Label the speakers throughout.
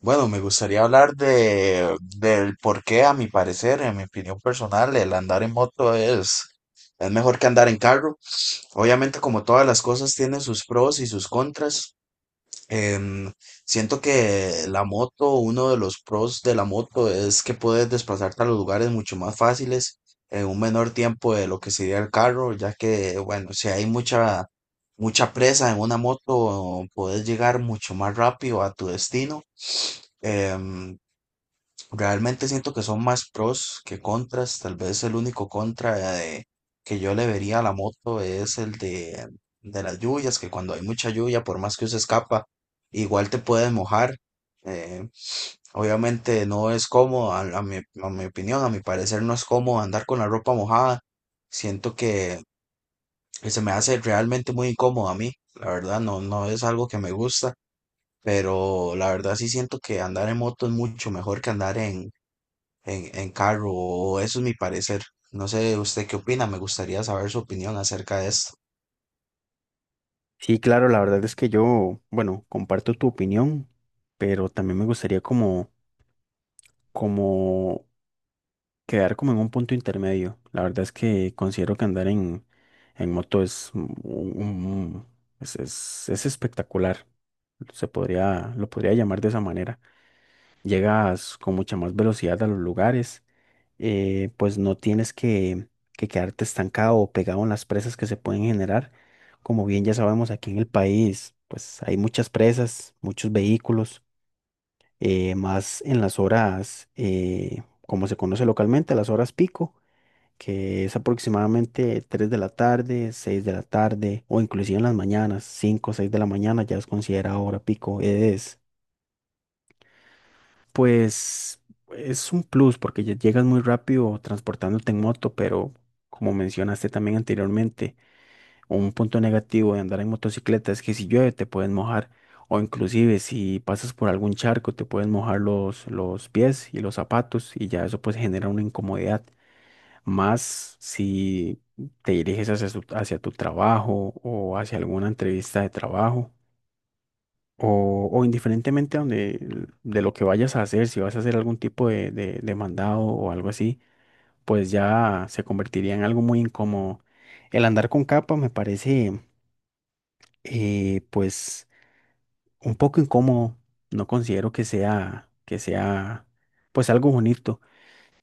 Speaker 1: Bueno, me gustaría hablar del por qué, a mi parecer, en mi opinión personal, el andar en moto es mejor que andar en carro. Obviamente, como todas las cosas, tiene sus pros y sus contras. Em, Siento que uno de los pros de la moto es que puedes desplazarte a los lugares mucho más fáciles en un menor tiempo de lo que sería el carro, ya que, bueno, si hay mucha presa en una moto, puedes llegar mucho más rápido a tu destino. Em, Realmente siento que son más pros que contras. Tal vez el único que yo le vería a la moto es el de las lluvias, que cuando hay mucha lluvia, por más que se escapa, igual te puedes mojar. Eh, Obviamente no es cómodo, a mi opinión, a mi parecer no es cómodo andar con la ropa mojada. Siento que se me hace realmente muy incómodo a mí. La verdad, no, no es algo que me gusta, pero la verdad sí siento que andar en moto es mucho mejor que andar en carro, o eso es mi parecer. No sé, ¿usted qué opina? Me gustaría saber su opinión acerca de esto.
Speaker 2: Sí, claro, la verdad es que yo, bueno, comparto tu opinión, pero también me gustaría como quedar como en un punto intermedio. La verdad es que considero que andar en moto es, es espectacular. Se podría, lo podría llamar de esa manera. Llegas con mucha más velocidad a los lugares, pues no tienes que quedarte estancado o pegado en las presas que se pueden generar. Como bien ya sabemos, aquí en el país, pues hay muchas presas, muchos vehículos, más en las horas, como se conoce localmente, las horas pico, que es aproximadamente 3 de la tarde, 6 de la tarde, o inclusive en las mañanas, 5 o seis de la mañana ya es considerada hora pico. Es Pues es un plus porque ya llegas muy rápido transportándote en moto, pero como mencionaste también anteriormente, un punto negativo de andar en motocicleta es que si llueve te puedes mojar, o inclusive si pasas por algún charco te puedes mojar los pies y los zapatos, y ya eso pues genera una incomodidad, más si te diriges hacia tu trabajo o hacia alguna entrevista de trabajo. O indiferentemente donde, de lo que vayas a hacer, si vas a hacer algún tipo de mandado o algo así, pues ya se convertiría en algo muy incómodo. El andar con capa me parece, pues, un poco incómodo. No considero que sea, pues, algo bonito.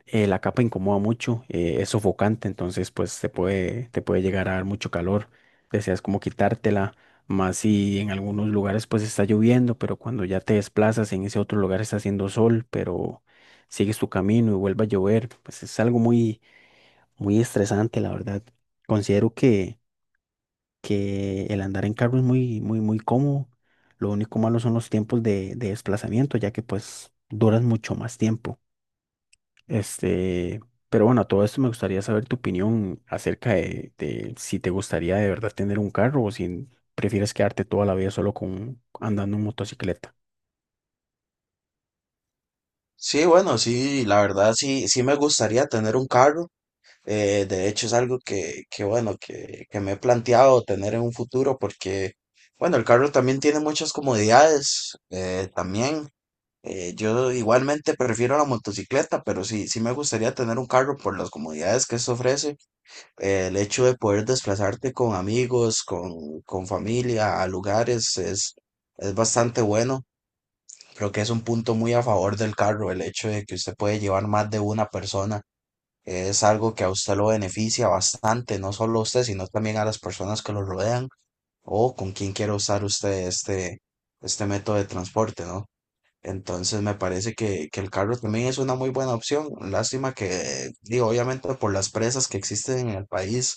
Speaker 2: La capa incomoda mucho, es sofocante, entonces pues te puede llegar a dar mucho calor, deseas como quitártela, más si en algunos lugares pues está lloviendo, pero cuando ya te desplazas en ese otro lugar está haciendo sol, pero sigues tu camino y vuelve a llover, pues es algo muy, muy estresante, la verdad. Considero que el andar en carro es muy, muy, muy cómodo, lo único malo son los tiempos de desplazamiento, ya que pues duras mucho más tiempo. Este, pero bueno, a todo esto me gustaría saber tu opinión acerca de si te gustaría de verdad tener un carro, o si prefieres quedarte toda la vida solo con andando en motocicleta.
Speaker 1: Sí, bueno, sí, la verdad sí, sí me gustaría tener un carro. De hecho es algo que, bueno, que me he planteado tener en un futuro porque, bueno, el carro también tiene muchas comodidades. Yo igualmente prefiero la motocicleta, pero sí, sí me gustaría tener un carro por las comodidades que esto ofrece. El hecho de poder desplazarte con amigos, con familia, a lugares, es bastante bueno. Creo que es un punto muy a favor del carro, el hecho de que usted puede llevar más de una persona. Es algo que a usted lo beneficia bastante, no solo a usted, sino también a las personas que lo rodean o con quien quiera usar usted este método de transporte, ¿no? Entonces me parece que el carro también es una muy buena opción. Lástima que, digo, obviamente por las presas que existen en el país,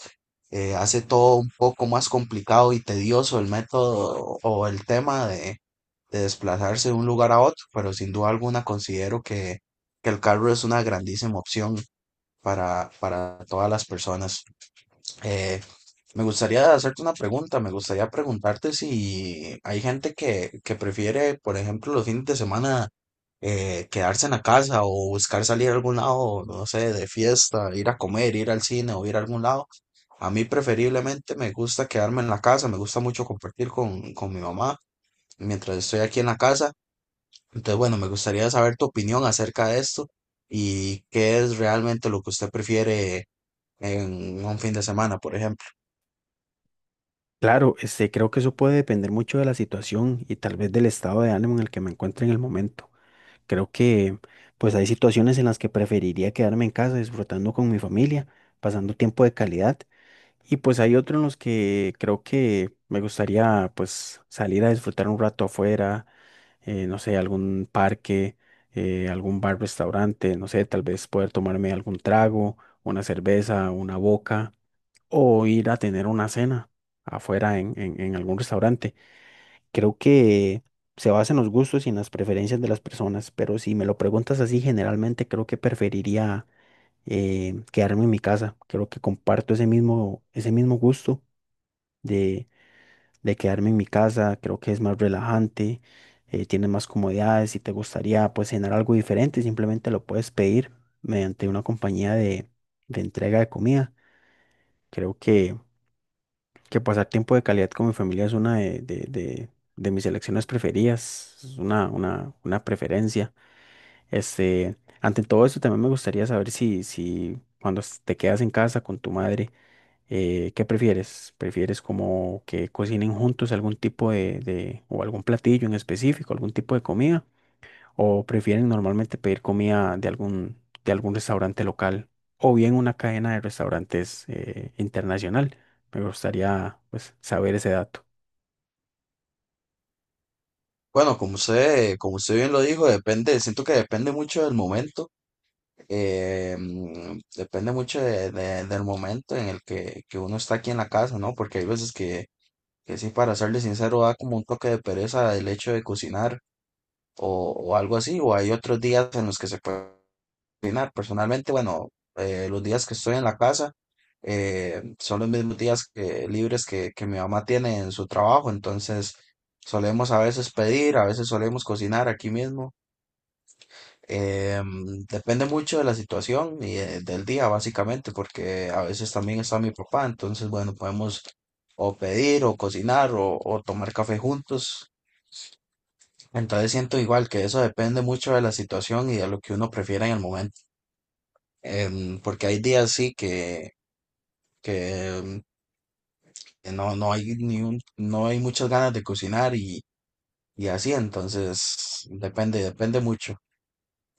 Speaker 1: hace todo un poco más complicado y tedioso el método o el tema de desplazarse de un lugar a otro, pero sin duda alguna considero que el carro es una grandísima opción para todas las personas. Eh, Me gustaría preguntarte si hay gente que prefiere, por ejemplo, los fines de semana quedarse en la casa o buscar salir a algún lado, no sé, de fiesta, ir a comer, ir al cine o ir a algún lado. A mí preferiblemente me gusta quedarme en la casa, me gusta mucho compartir con mi mamá mientras estoy aquí en la casa. Entonces, bueno, me gustaría saber tu opinión acerca de esto y qué es realmente lo que usted prefiere en un fin de semana, por ejemplo.
Speaker 2: Claro, este, creo que eso puede depender mucho de la situación y tal vez del estado de ánimo en el que me encuentre en el momento. Creo que pues hay situaciones en las que preferiría quedarme en casa disfrutando con mi familia, pasando tiempo de calidad. Y pues hay otro en los que creo que me gustaría pues salir a disfrutar un rato afuera, no sé, algún parque, algún bar, restaurante, no sé, tal vez poder tomarme algún trago, una cerveza, una boca, o ir a tener una cena afuera en algún restaurante. Creo que se basa en los gustos y en las preferencias de las personas, pero si me lo preguntas así, generalmente creo que preferiría quedarme en mi casa. Creo que comparto ese mismo gusto de, de quedarme en mi casa, creo que es más relajante, tienes más comodidades, si te gustaría pues cenar algo diferente, simplemente lo puedes pedir mediante una compañía de entrega de comida. Creo que pasar tiempo de calidad con mi familia es una de mis elecciones preferidas, es una preferencia. Este, ante todo eso también me gustaría saber si cuando te quedas en casa con tu madre, ¿qué prefieres? ¿Prefieres como que cocinen juntos algún tipo o algún platillo en específico, algún tipo de comida? ¿O prefieren normalmente pedir comida de algún restaurante local, o bien una cadena de restaurantes internacional? Me gustaría pues, saber ese dato.
Speaker 1: Bueno, como usted bien lo dijo, depende, siento que depende mucho del momento, depende mucho del momento en el que uno está aquí en la casa, ¿no? Porque hay veces que sí, para serle sincero, da como un toque de pereza el hecho de cocinar o algo así, o hay otros días en los que se puede cocinar. Personalmente, bueno, los días que estoy en la casa son los mismos días libres que mi mamá tiene en su trabajo, entonces solemos a veces pedir, a veces solemos cocinar aquí mismo. Depende mucho de la situación y del día, básicamente, porque a veces también está mi papá, entonces, bueno, podemos o pedir o cocinar o tomar café juntos. Entonces siento igual que eso depende mucho de la situación y de lo que uno prefiera en el momento. Porque hay días sí que em, que no, no hay ni un- no hay muchas ganas de cocinar y así, entonces depende, depende mucho.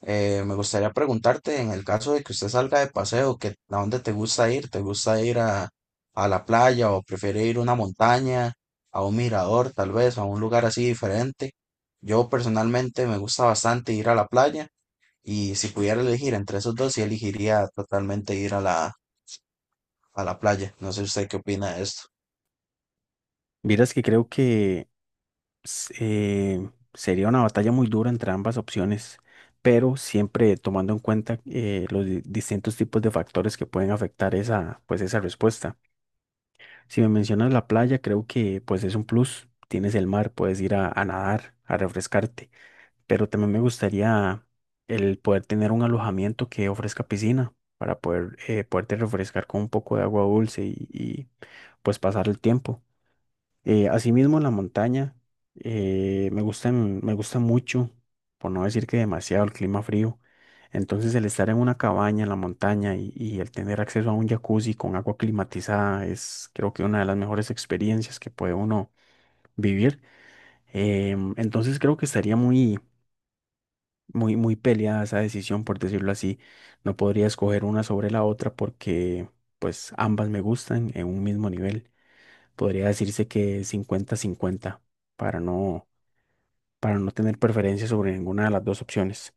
Speaker 1: Me gustaría preguntarte, en el caso de que usted salga de paseo, que, ¿a dónde te gusta ir? ¿Te gusta ir a la playa o prefiere ir a una montaña, a un mirador, tal vez, a un lugar así diferente? Yo personalmente me gusta bastante ir a la playa. Y si pudiera elegir entre esos dos, sí elegiría totalmente ir a a la playa. No sé usted qué opina de esto.
Speaker 2: Vieras que creo que sería una batalla muy dura entre ambas opciones, pero siempre tomando en cuenta los distintos tipos de factores que pueden afectar esa, pues, esa respuesta. Si me mencionas la playa, creo que pues es un plus. Tienes el mar, puedes ir a nadar, a refrescarte. Pero también me gustaría el poder tener un alojamiento que ofrezca piscina para poder poderte refrescar con un poco de agua dulce y pues pasar el tiempo. Asimismo, la montaña me gusta mucho, por no decir que demasiado, el clima frío. Entonces, el estar en una cabaña en la montaña y el tener acceso a un jacuzzi con agua climatizada es, creo que, una de las mejores experiencias que puede uno vivir. Entonces, creo que estaría muy, muy, muy peleada esa decisión, por decirlo así. No podría escoger una sobre la otra porque, pues, ambas me gustan en un mismo nivel. Podría decirse que cincuenta-cincuenta para no, para no tener preferencia sobre ninguna de las dos opciones.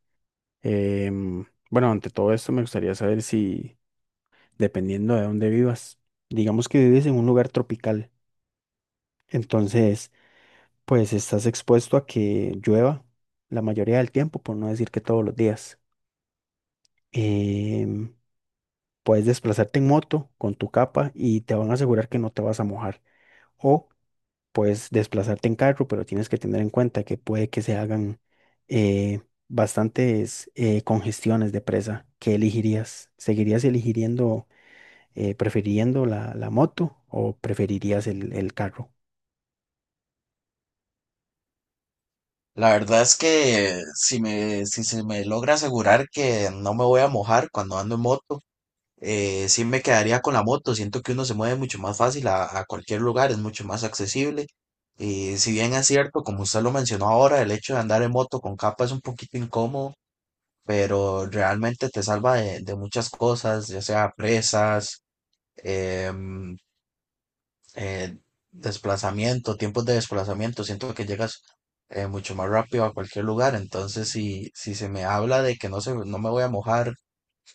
Speaker 2: Bueno, ante todo esto me gustaría saber si, dependiendo de dónde vivas, digamos que vives en un lugar tropical, entonces pues estás expuesto a que llueva la mayoría del tiempo, por no decir que todos los días. Em, Puedes desplazarte en moto con tu capa y te van a asegurar que no te vas a mojar. O puedes desplazarte en carro, pero tienes que tener en cuenta que puede que se hagan eh, bastantes congestiones de presa. ¿Qué elegirías? ¿Seguirías eligiendo, prefiriendo la moto, o preferirías el carro?
Speaker 1: La verdad es que si se me logra asegurar que no me voy a mojar cuando ando en moto, sí me quedaría con la moto. Siento que uno se mueve mucho más fácil a cualquier lugar, es mucho más accesible. Y si bien es cierto, como usted lo mencionó ahora, el hecho de andar en moto con capa es un poquito incómodo, pero realmente te salva de muchas cosas, ya sea presas, em, eh, desplazamiento, tiempos de desplazamiento. Siento que llegas mucho más rápido a cualquier lugar. Entonces, si se me habla de que no me voy a mojar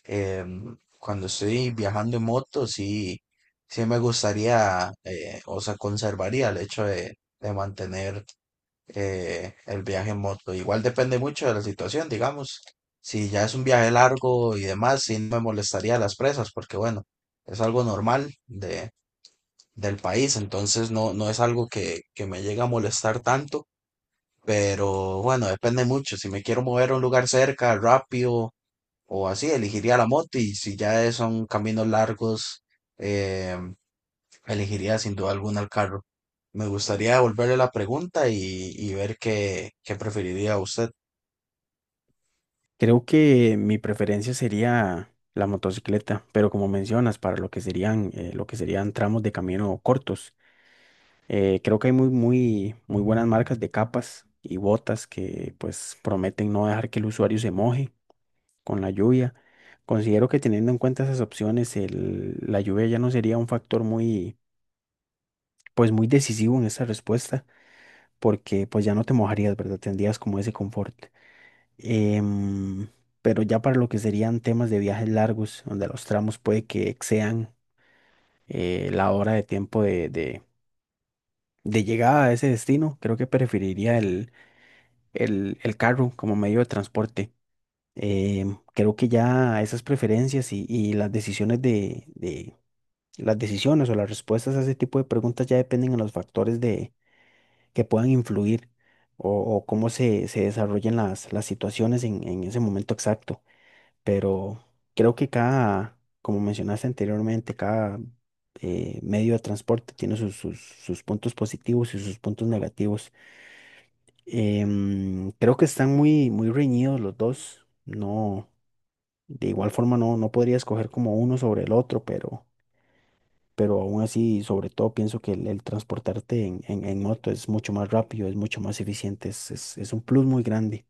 Speaker 1: em, cuando estoy viajando en moto, sí, sí me gustaría, o sea, conservaría el hecho de mantener el viaje en moto. Igual depende mucho de la situación, digamos. Si ya es un viaje largo y demás, sí no me molestaría las presas, porque bueno, es algo normal del país, entonces no, no es algo que me llega a molestar tanto, pero bueno, depende mucho. Si me quiero mover a un lugar cerca, rápido o así, elegiría la moto y si ya son caminos largos, eh, elegiría sin duda alguna el carro. Me gustaría devolverle la pregunta y ver qué preferiría usted.
Speaker 2: Creo que mi preferencia sería la motocicleta, pero como mencionas, para lo que serían tramos de camino cortos. Creo que hay muy, muy, muy buenas marcas de capas y botas que pues prometen no dejar que el usuario se moje con la lluvia. Considero que teniendo en cuenta esas opciones, la lluvia ya no sería un factor muy, pues muy decisivo en esa respuesta, porque pues ya no te mojarías, ¿verdad? Tendrías como ese confort. Em, pero ya para lo que serían temas de viajes largos, donde los tramos puede que excedan la hora de tiempo de llegada a ese destino, creo que preferiría el carro como medio de transporte. Creo que ya esas preferencias y las decisiones de las decisiones o las respuestas a ese tipo de preguntas ya dependen de los factores de, que puedan influir o, o cómo se desarrollen las situaciones en ese momento exacto. Pero creo que cada, como mencionaste anteriormente, cada medio de transporte tiene sus puntos positivos y sus puntos negativos. Creo que están muy, muy reñidos los dos. No, de igual forma no, no podría escoger como uno sobre el otro, pero aún así, sobre todo, pienso que el transportarte en moto es mucho más rápido, es mucho más eficiente, es, es un plus muy grande.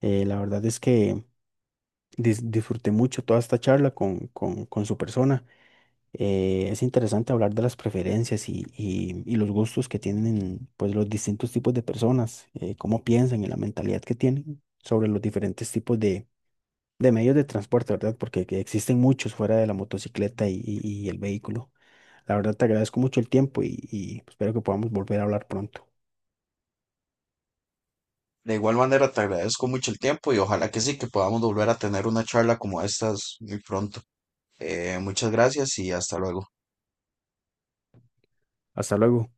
Speaker 2: La verdad es que disfruté mucho toda esta charla con su persona. Es interesante hablar de las preferencias y los gustos que tienen pues, los distintos tipos de personas, cómo piensan y la mentalidad que tienen sobre los diferentes tipos de medios de transporte, ¿verdad? Porque que existen muchos fuera de la motocicleta y el vehículo. La verdad te agradezco mucho el tiempo y espero que podamos volver a hablar pronto.
Speaker 1: De igual manera, te agradezco mucho el tiempo y ojalá que sí, que podamos volver a tener una charla como estas muy pronto. Muchas gracias y hasta luego.
Speaker 2: Hasta luego.